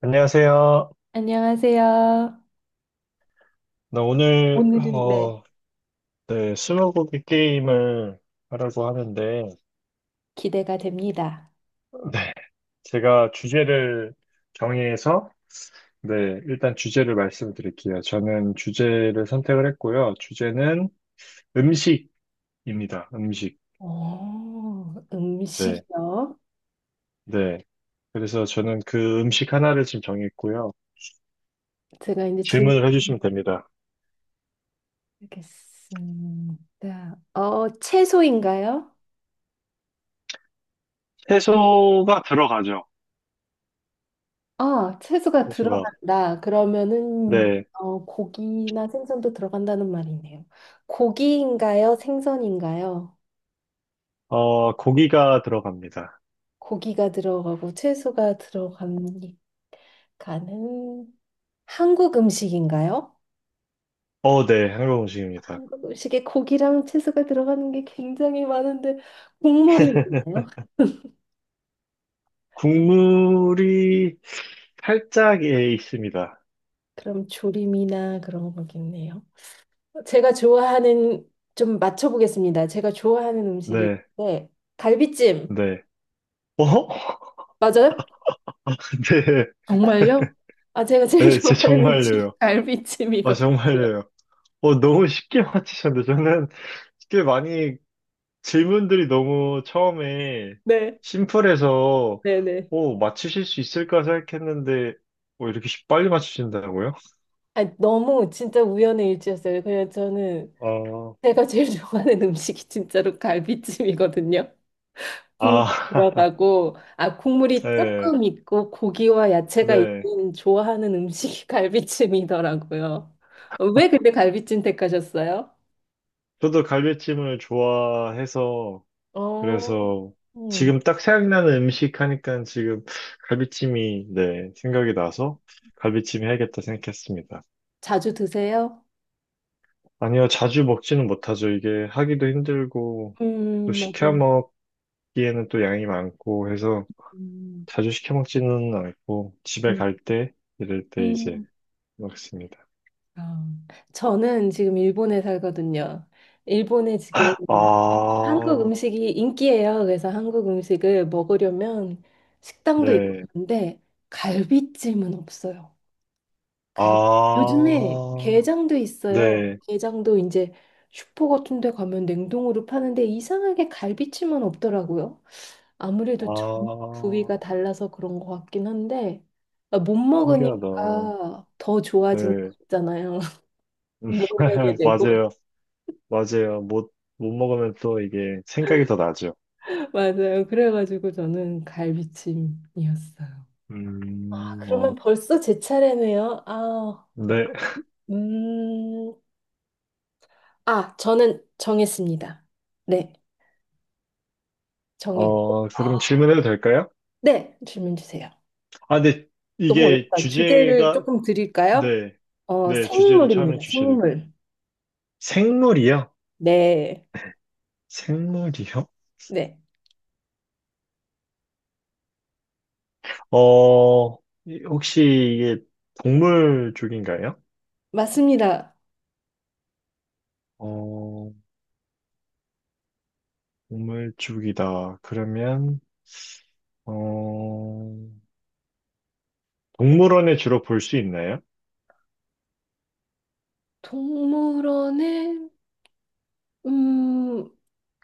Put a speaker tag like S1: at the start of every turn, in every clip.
S1: 안녕하세요.
S2: 안녕하세요.
S1: 나 오늘
S2: 오늘은 네.
S1: 네, 스무고개 게임을 하려고 하는데
S2: 기대가 됩니다.
S1: 네, 제가 주제를 정해서 네, 일단 주제를 말씀드릴게요. 저는 주제를 선택을 했고요. 주제는 음식입니다. 음식. 네.
S2: 음식이요?
S1: 네. 그래서 저는 그 음식 하나를 지금 정했고요.
S2: 제가 이제
S1: 질문을 해주시면 됩니다.
S2: 질문하겠습니다. 채소인가요?
S1: 채소가 들어가죠.
S2: 아, 채소가
S1: 채소가.
S2: 들어간다. 그러면은
S1: 네.
S2: 고기나 생선도 들어간다는 말이네요. 고기인가요? 생선인가요?
S1: 고기가 들어갑니다.
S2: 고기가 들어가고 채소가 들어가니까는 한국 음식인가요?
S1: 어, 네. 한국 음식입니다.
S2: 한국 음식에 고기랑 채소가 들어가는 게 굉장히 많은데 국물이 있나요?
S1: 국물이 살짝 예, 있습니다.
S2: 그럼 조림이나 그런 거겠네요. 제가 좋아하는 좀 맞춰보겠습니다. 제가 좋아하는 음식이
S1: 네,
S2: 네, 갈비찜
S1: 네. 어?
S2: 맞아요? 정말요?
S1: 네,
S2: 아 제가 제일
S1: 네, 제
S2: 좋아하는 음식
S1: 정말요. 아,
S2: 갈비찜이거든요.
S1: 정말요. 너무 쉽게 맞히셨는데 저는 쉽게 많이 질문들이 너무 처음에
S2: 네,
S1: 심플해서
S2: 네, 네.
S1: 맞추실 수 있을까 생각했는데 이렇게 빨리 맞추신다고요?
S2: 아 너무 진짜 우연의 일치였어요. 그냥 저는
S1: 아,
S2: 제가 제일 좋아하는 음식이 진짜로 갈비찜이거든요. 국물
S1: 아,
S2: 들어가고 아 국물이
S1: 네,
S2: 조금 있고 고기와 야채가
S1: 네.
S2: 있는 좋아하는 음식이 갈비찜이더라고요. 왜 근데 갈비찜 택하셨어요?
S1: 저도 갈비찜을 좋아해서
S2: 어,
S1: 그래서
S2: 음,
S1: 지금 딱 생각나는 음식 하니까 지금 갈비찜이 네, 생각이 나서 갈비찜 해야겠다 생각했습니다.
S2: 자주 드세요?
S1: 아니요, 자주 먹지는 못하죠. 이게 하기도 힘들고 또 시켜
S2: 맞아요.
S1: 먹기에는 또 양이 많고 해서
S2: 음,
S1: 자주 시켜 먹지는 않고 집에
S2: 음.
S1: 갈 때 이럴 때 이제
S2: 음.
S1: 먹습니다.
S2: 아, 저는 지금 일본에 살거든요. 일본에 지금 한국
S1: 아,
S2: 음식이 인기예요. 그래서 한국 음식을 먹으려면 식당도 있고
S1: 네.
S2: 그런데 갈비찜은 없어요. 갈 요즘에
S1: 아,
S2: 게장도 있어요.
S1: 네.
S2: 게장도 이제 슈퍼 같은 데 가면 냉동으로 파는데 이상하게 갈비찜은 없더라고요. 아무래도 전
S1: 아,
S2: 부위가 달라서 그런 것 같긴 한데 아, 못
S1: 신기하다.
S2: 먹으니까 더 좋아지는 거
S1: 네.
S2: 있잖아요. 못 먹게 되고.
S1: 맞아요. 맞아요. 못 먹으면 또 이게 생각이 더 나죠.
S2: 맞아요. 그래가지고 저는 갈비찜이었어요. 아, 그러면
S1: 어,
S2: 벌써 제 차례네요. 아,
S1: 네.
S2: 음, 아, 저는 정했습니다. 네. 정했고.
S1: 어,
S2: 아.
S1: 그럼 질문해도 될까요?
S2: 네, 질문 주세요.
S1: 아, 근데
S2: 너무
S1: 이게
S2: 어렵다. 주제를
S1: 주제가,
S2: 조금 드릴까요?
S1: 네. 네, 주제를 처음에
S2: 생물입니다.
S1: 주셔야 돼요.
S2: 생물.
S1: 생물이요?
S2: 네,
S1: 생물이요?
S2: 네,
S1: 어, 혹시 이게 동물 쪽인가요?
S2: 맞습니다.
S1: 어, 동물 쪽이다. 그러면, 어, 동물원에 주로 볼 수 있나요?
S2: 동물원에, 음,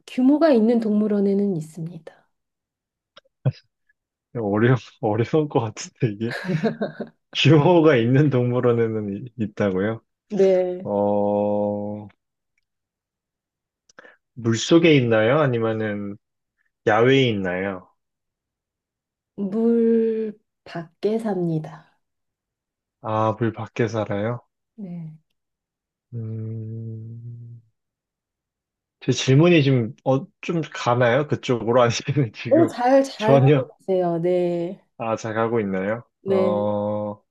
S2: 규모가 있는 동물원에는 있습니다.
S1: 어려, 어려울 것 같은데, 이게. 규모가 있는 동물원에는 있다고요?
S2: 네,
S1: 어, 물속에 있나요? 아니면은 야외에 있나요?
S2: 물 밖에 삽니다.
S1: 아, 물 밖에 살아요?
S2: 네.
S1: 음, 제 질문이 지금, 어, 좀 가나요? 그쪽으로? 아니면
S2: 오,
S1: 지금
S2: 잘 하고
S1: 전혀,
S2: 계세요. 네,
S1: 아, 잘 가고 있나요?
S2: 네.
S1: 어,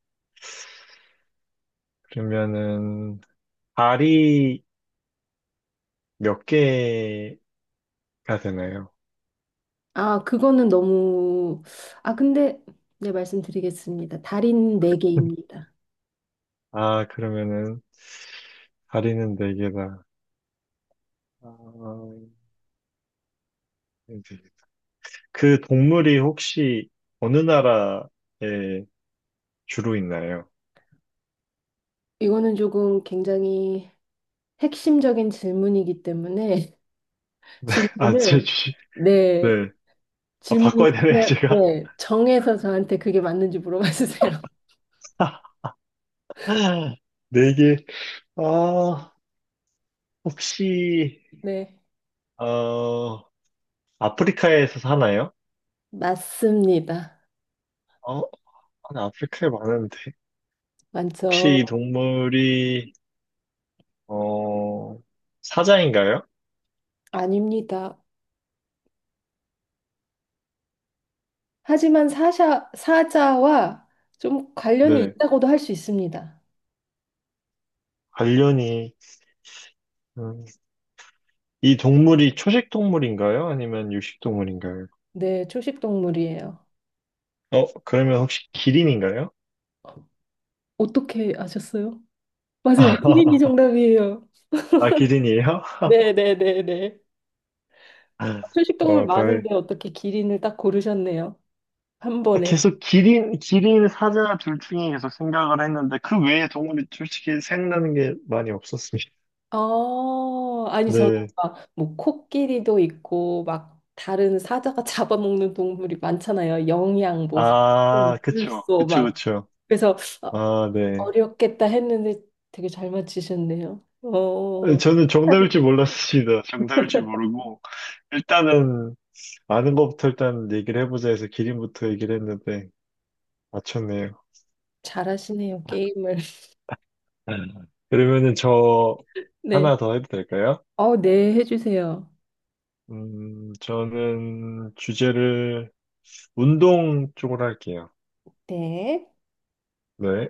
S1: 그러면은, 발이 몇 개가 되나요?
S2: 아, 그거는 너무, 아, 근데, 네, 말씀드리겠습니다. 달인 네개입니다
S1: 아, 그러면은, 다리는 네 개다. 아, 네. 그 동물이 혹시 어느 나라에 주로 있나요?
S2: 이거는 조금 굉장히 핵심적인 질문이기 때문에
S1: 네, 아, 제
S2: 질문을
S1: 주식.
S2: 네
S1: 네. 아,
S2: 질문을
S1: 바꿔야 되네,
S2: 그냥
S1: 제가.
S2: 네 정해서 저한테 그게 맞는지 물어봐 주세요.
S1: 네 개. 아, 혹시,
S2: 네
S1: 어, 아프리카에서 사나요?
S2: 맞습니다.
S1: 어, 아니, 아프리카에 많은데. 혹시
S2: 많죠.
S1: 이 동물이, 어, 사자인가요?
S2: 아닙니다. 하지만 사샤, 사자와 좀 관련이
S1: 네.
S2: 있다고도 할 수 있습니다.
S1: 관련이, 음, 이 동물이 초식 동물인가요? 아니면 육식 동물인가요?
S2: 네 초식 동물이에요.
S1: 어, 그러면 혹시 기린인가요?
S2: 어떻게 아셨어요? 맞아요. 키링이 정답이에요.
S1: 아, 기린이에요?
S2: 네 네, 네, 네. 초식동물
S1: 어, 다행.
S2: 많은데 어떻게 기린을 딱 고르셨네요. 한 번에.
S1: 계속 기린, 기린 사자 둘 중에 계속 생각을 했는데, 그 외에 동물이 솔직히 생각나는 게 많이 없었습니다.
S2: 아, 아니 저는
S1: 네.
S2: 막 뭐 코끼리도 있고 막 다른 사자가 잡아먹는 동물이 많잖아요. 영양 뭐 사슴,
S1: 아, 그쵸.
S2: 물소
S1: 그쵸,
S2: 막.
S1: 그쵸.
S2: 그래서 어,
S1: 아, 네.
S2: 어렵겠다 했는데 되게 잘 맞히셨네요. 어,
S1: 저는 정답일 줄 몰랐습니다. 정답일 줄 모르고, 일단은, 아는 것부터 일단 얘기를 해보자 해서 기린부터 얘기를 했는데, 맞췄네요.
S2: 잘하시네요. 게임을.
S1: 음. 그러면은 저
S2: 네.
S1: 하나 더 해도 될까요?
S2: 어, 네, 해주세요.
S1: 저는 주제를 운동 쪽으로 할게요.
S2: 네.
S1: 네,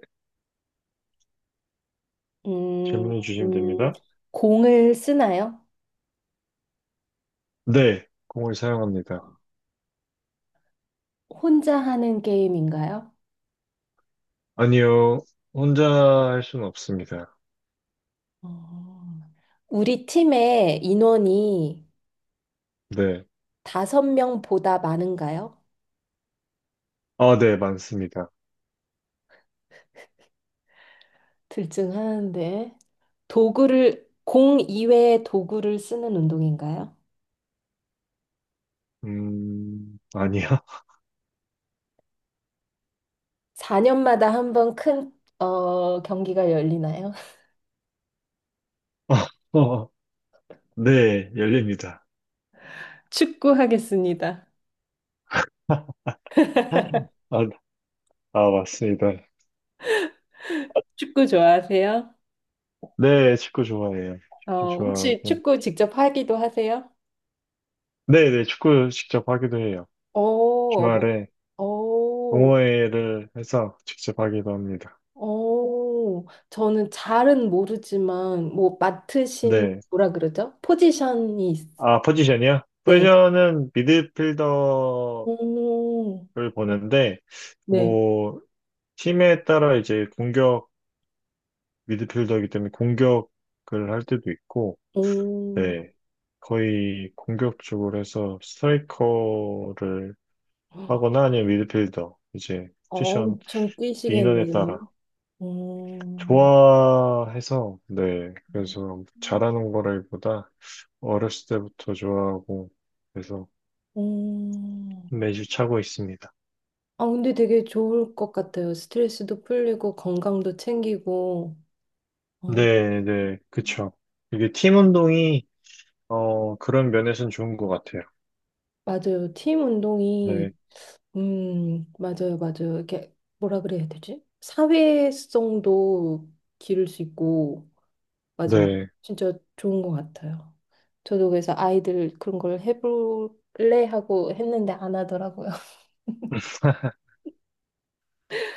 S2: 음,
S1: 질문해 주시면
S2: 음,
S1: 됩니다.
S2: 공을 쓰나요?
S1: 네, 공을 사용합니다.
S2: 혼자 하는 게임인가요?
S1: 아니요, 혼자 할 수는 없습니다.
S2: 어, 우리 팀의 인원이
S1: 네,
S2: 다섯 명보다 많은가요?
S1: 아, 네, 많습니다.
S2: 들증하는데. 도구를, 공 이외의 도구를 쓰는 운동인가요?
S1: 아니요.
S2: 4년마다 한번 큰, 어, 경기가 열리나요?
S1: 어, 어, 네, 열립니다.
S2: 축구 하겠습니다.
S1: 아, 아, 맞습니다.
S2: 축구 좋아하세요?
S1: 네, 축구 좋아해요. 축구
S2: 어, 혹시
S1: 좋아하고.
S2: 축구 직접 하기도 하세요?
S1: 네, 네, 축구 직접 하기도 해요.
S2: 오, 뭐,
S1: 주말에
S2: 오,
S1: 동호회를 해서 직접 하기도 합니다.
S2: 오, 저는 잘은 모르지만, 뭐, 맡으신,
S1: 네.
S2: 뭐라 그러죠? 포지션이, 있-
S1: 아, 포지션이요?
S2: 네.
S1: 포지션은 미드필더를
S2: 오,
S1: 보는데,
S2: 네.
S1: 뭐, 팀에 따라 이제 공격, 미드필더이기 때문에 공격을 할 때도 있고,
S2: 오,
S1: 네. 거의 공격 쪽으로 해서 스트라이커를 하거나 아니면 미드필더, 이제 포지션
S2: 엄청
S1: 인원에 따라
S2: 뛰시겠네요. 오,
S1: 좋아해서, 네. 그래서 잘하는 거라기보다 어렸을 때부터 좋아하고, 그래서
S2: 오.
S1: 매주 차고 있습니다.
S2: 아, 근데 되게 좋을 것 같아요. 스트레스도 풀리고, 건강도 챙기고. 어,
S1: 네, 네, 그쵸. 이게 팀 운동이, 그런 면에서는 좋은 것 같아요.
S2: 맞아요. 팀
S1: 네,
S2: 운동이 맞아요, 맞아요. 이게 뭐라 그래야 되지? 사회성도 기를 수 있고, 맞아요.
S1: 네.
S2: 진짜 좋은 것 같아요. 저도 그래서 아이들 그런 걸 해볼래 하고 했는데 안 하더라고요.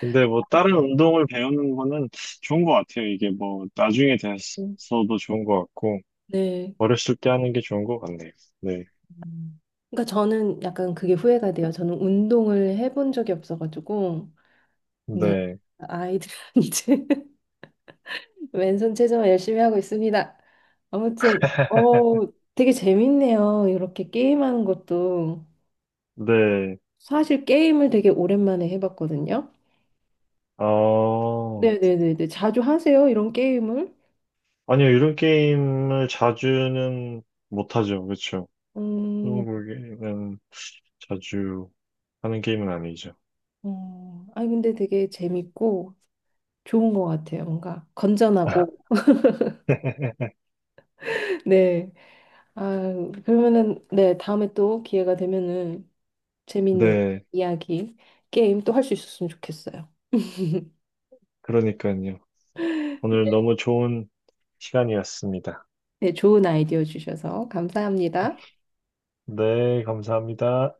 S1: 근데 뭐, 다른 운동을 배우는 거는 좋은 것 같아요. 이게 뭐, 나중에
S2: 음.
S1: 돼서도 좋은 것 같고,
S2: 네.
S1: 어렸을 때 하는 게 좋은 것 같네요. 네,
S2: 음. 그러니까 저는 약간 그게 후회가 돼요. 저는 운동을 해본 적이 없어가지고, 네.
S1: 네,
S2: 아이들한테 왼손 체조 열심히 하고 있습니다. 아무튼, 어, 되게 재밌네요. 이렇게 게임하는 것도.
S1: 네.
S2: 사실 게임을 되게 오랜만에 해봤거든요.
S1: 어,
S2: 네네네네. 자주 하세요, 이런 게임을?
S1: 아니요, 이런 게임을 자주는 못하죠. 그쵸.
S2: 음,
S1: 스무고개 게임은 자주 하는 게임은 아니죠.
S2: 아니, 근데 되게 재밌고 좋은 것 같아요. 뭔가 건전하고. 네. 아, 그러면은, 네, 다음에 또 기회가 되면은 재밌는
S1: 네,
S2: 이야기, 게임 또 할 수 있었으면 좋겠어요.
S1: 그러니까요. 오늘 너무 좋은 시간이었습니다.
S2: 네, 좋은 아이디어 주셔서 감사합니다.
S1: 네, 감사합니다.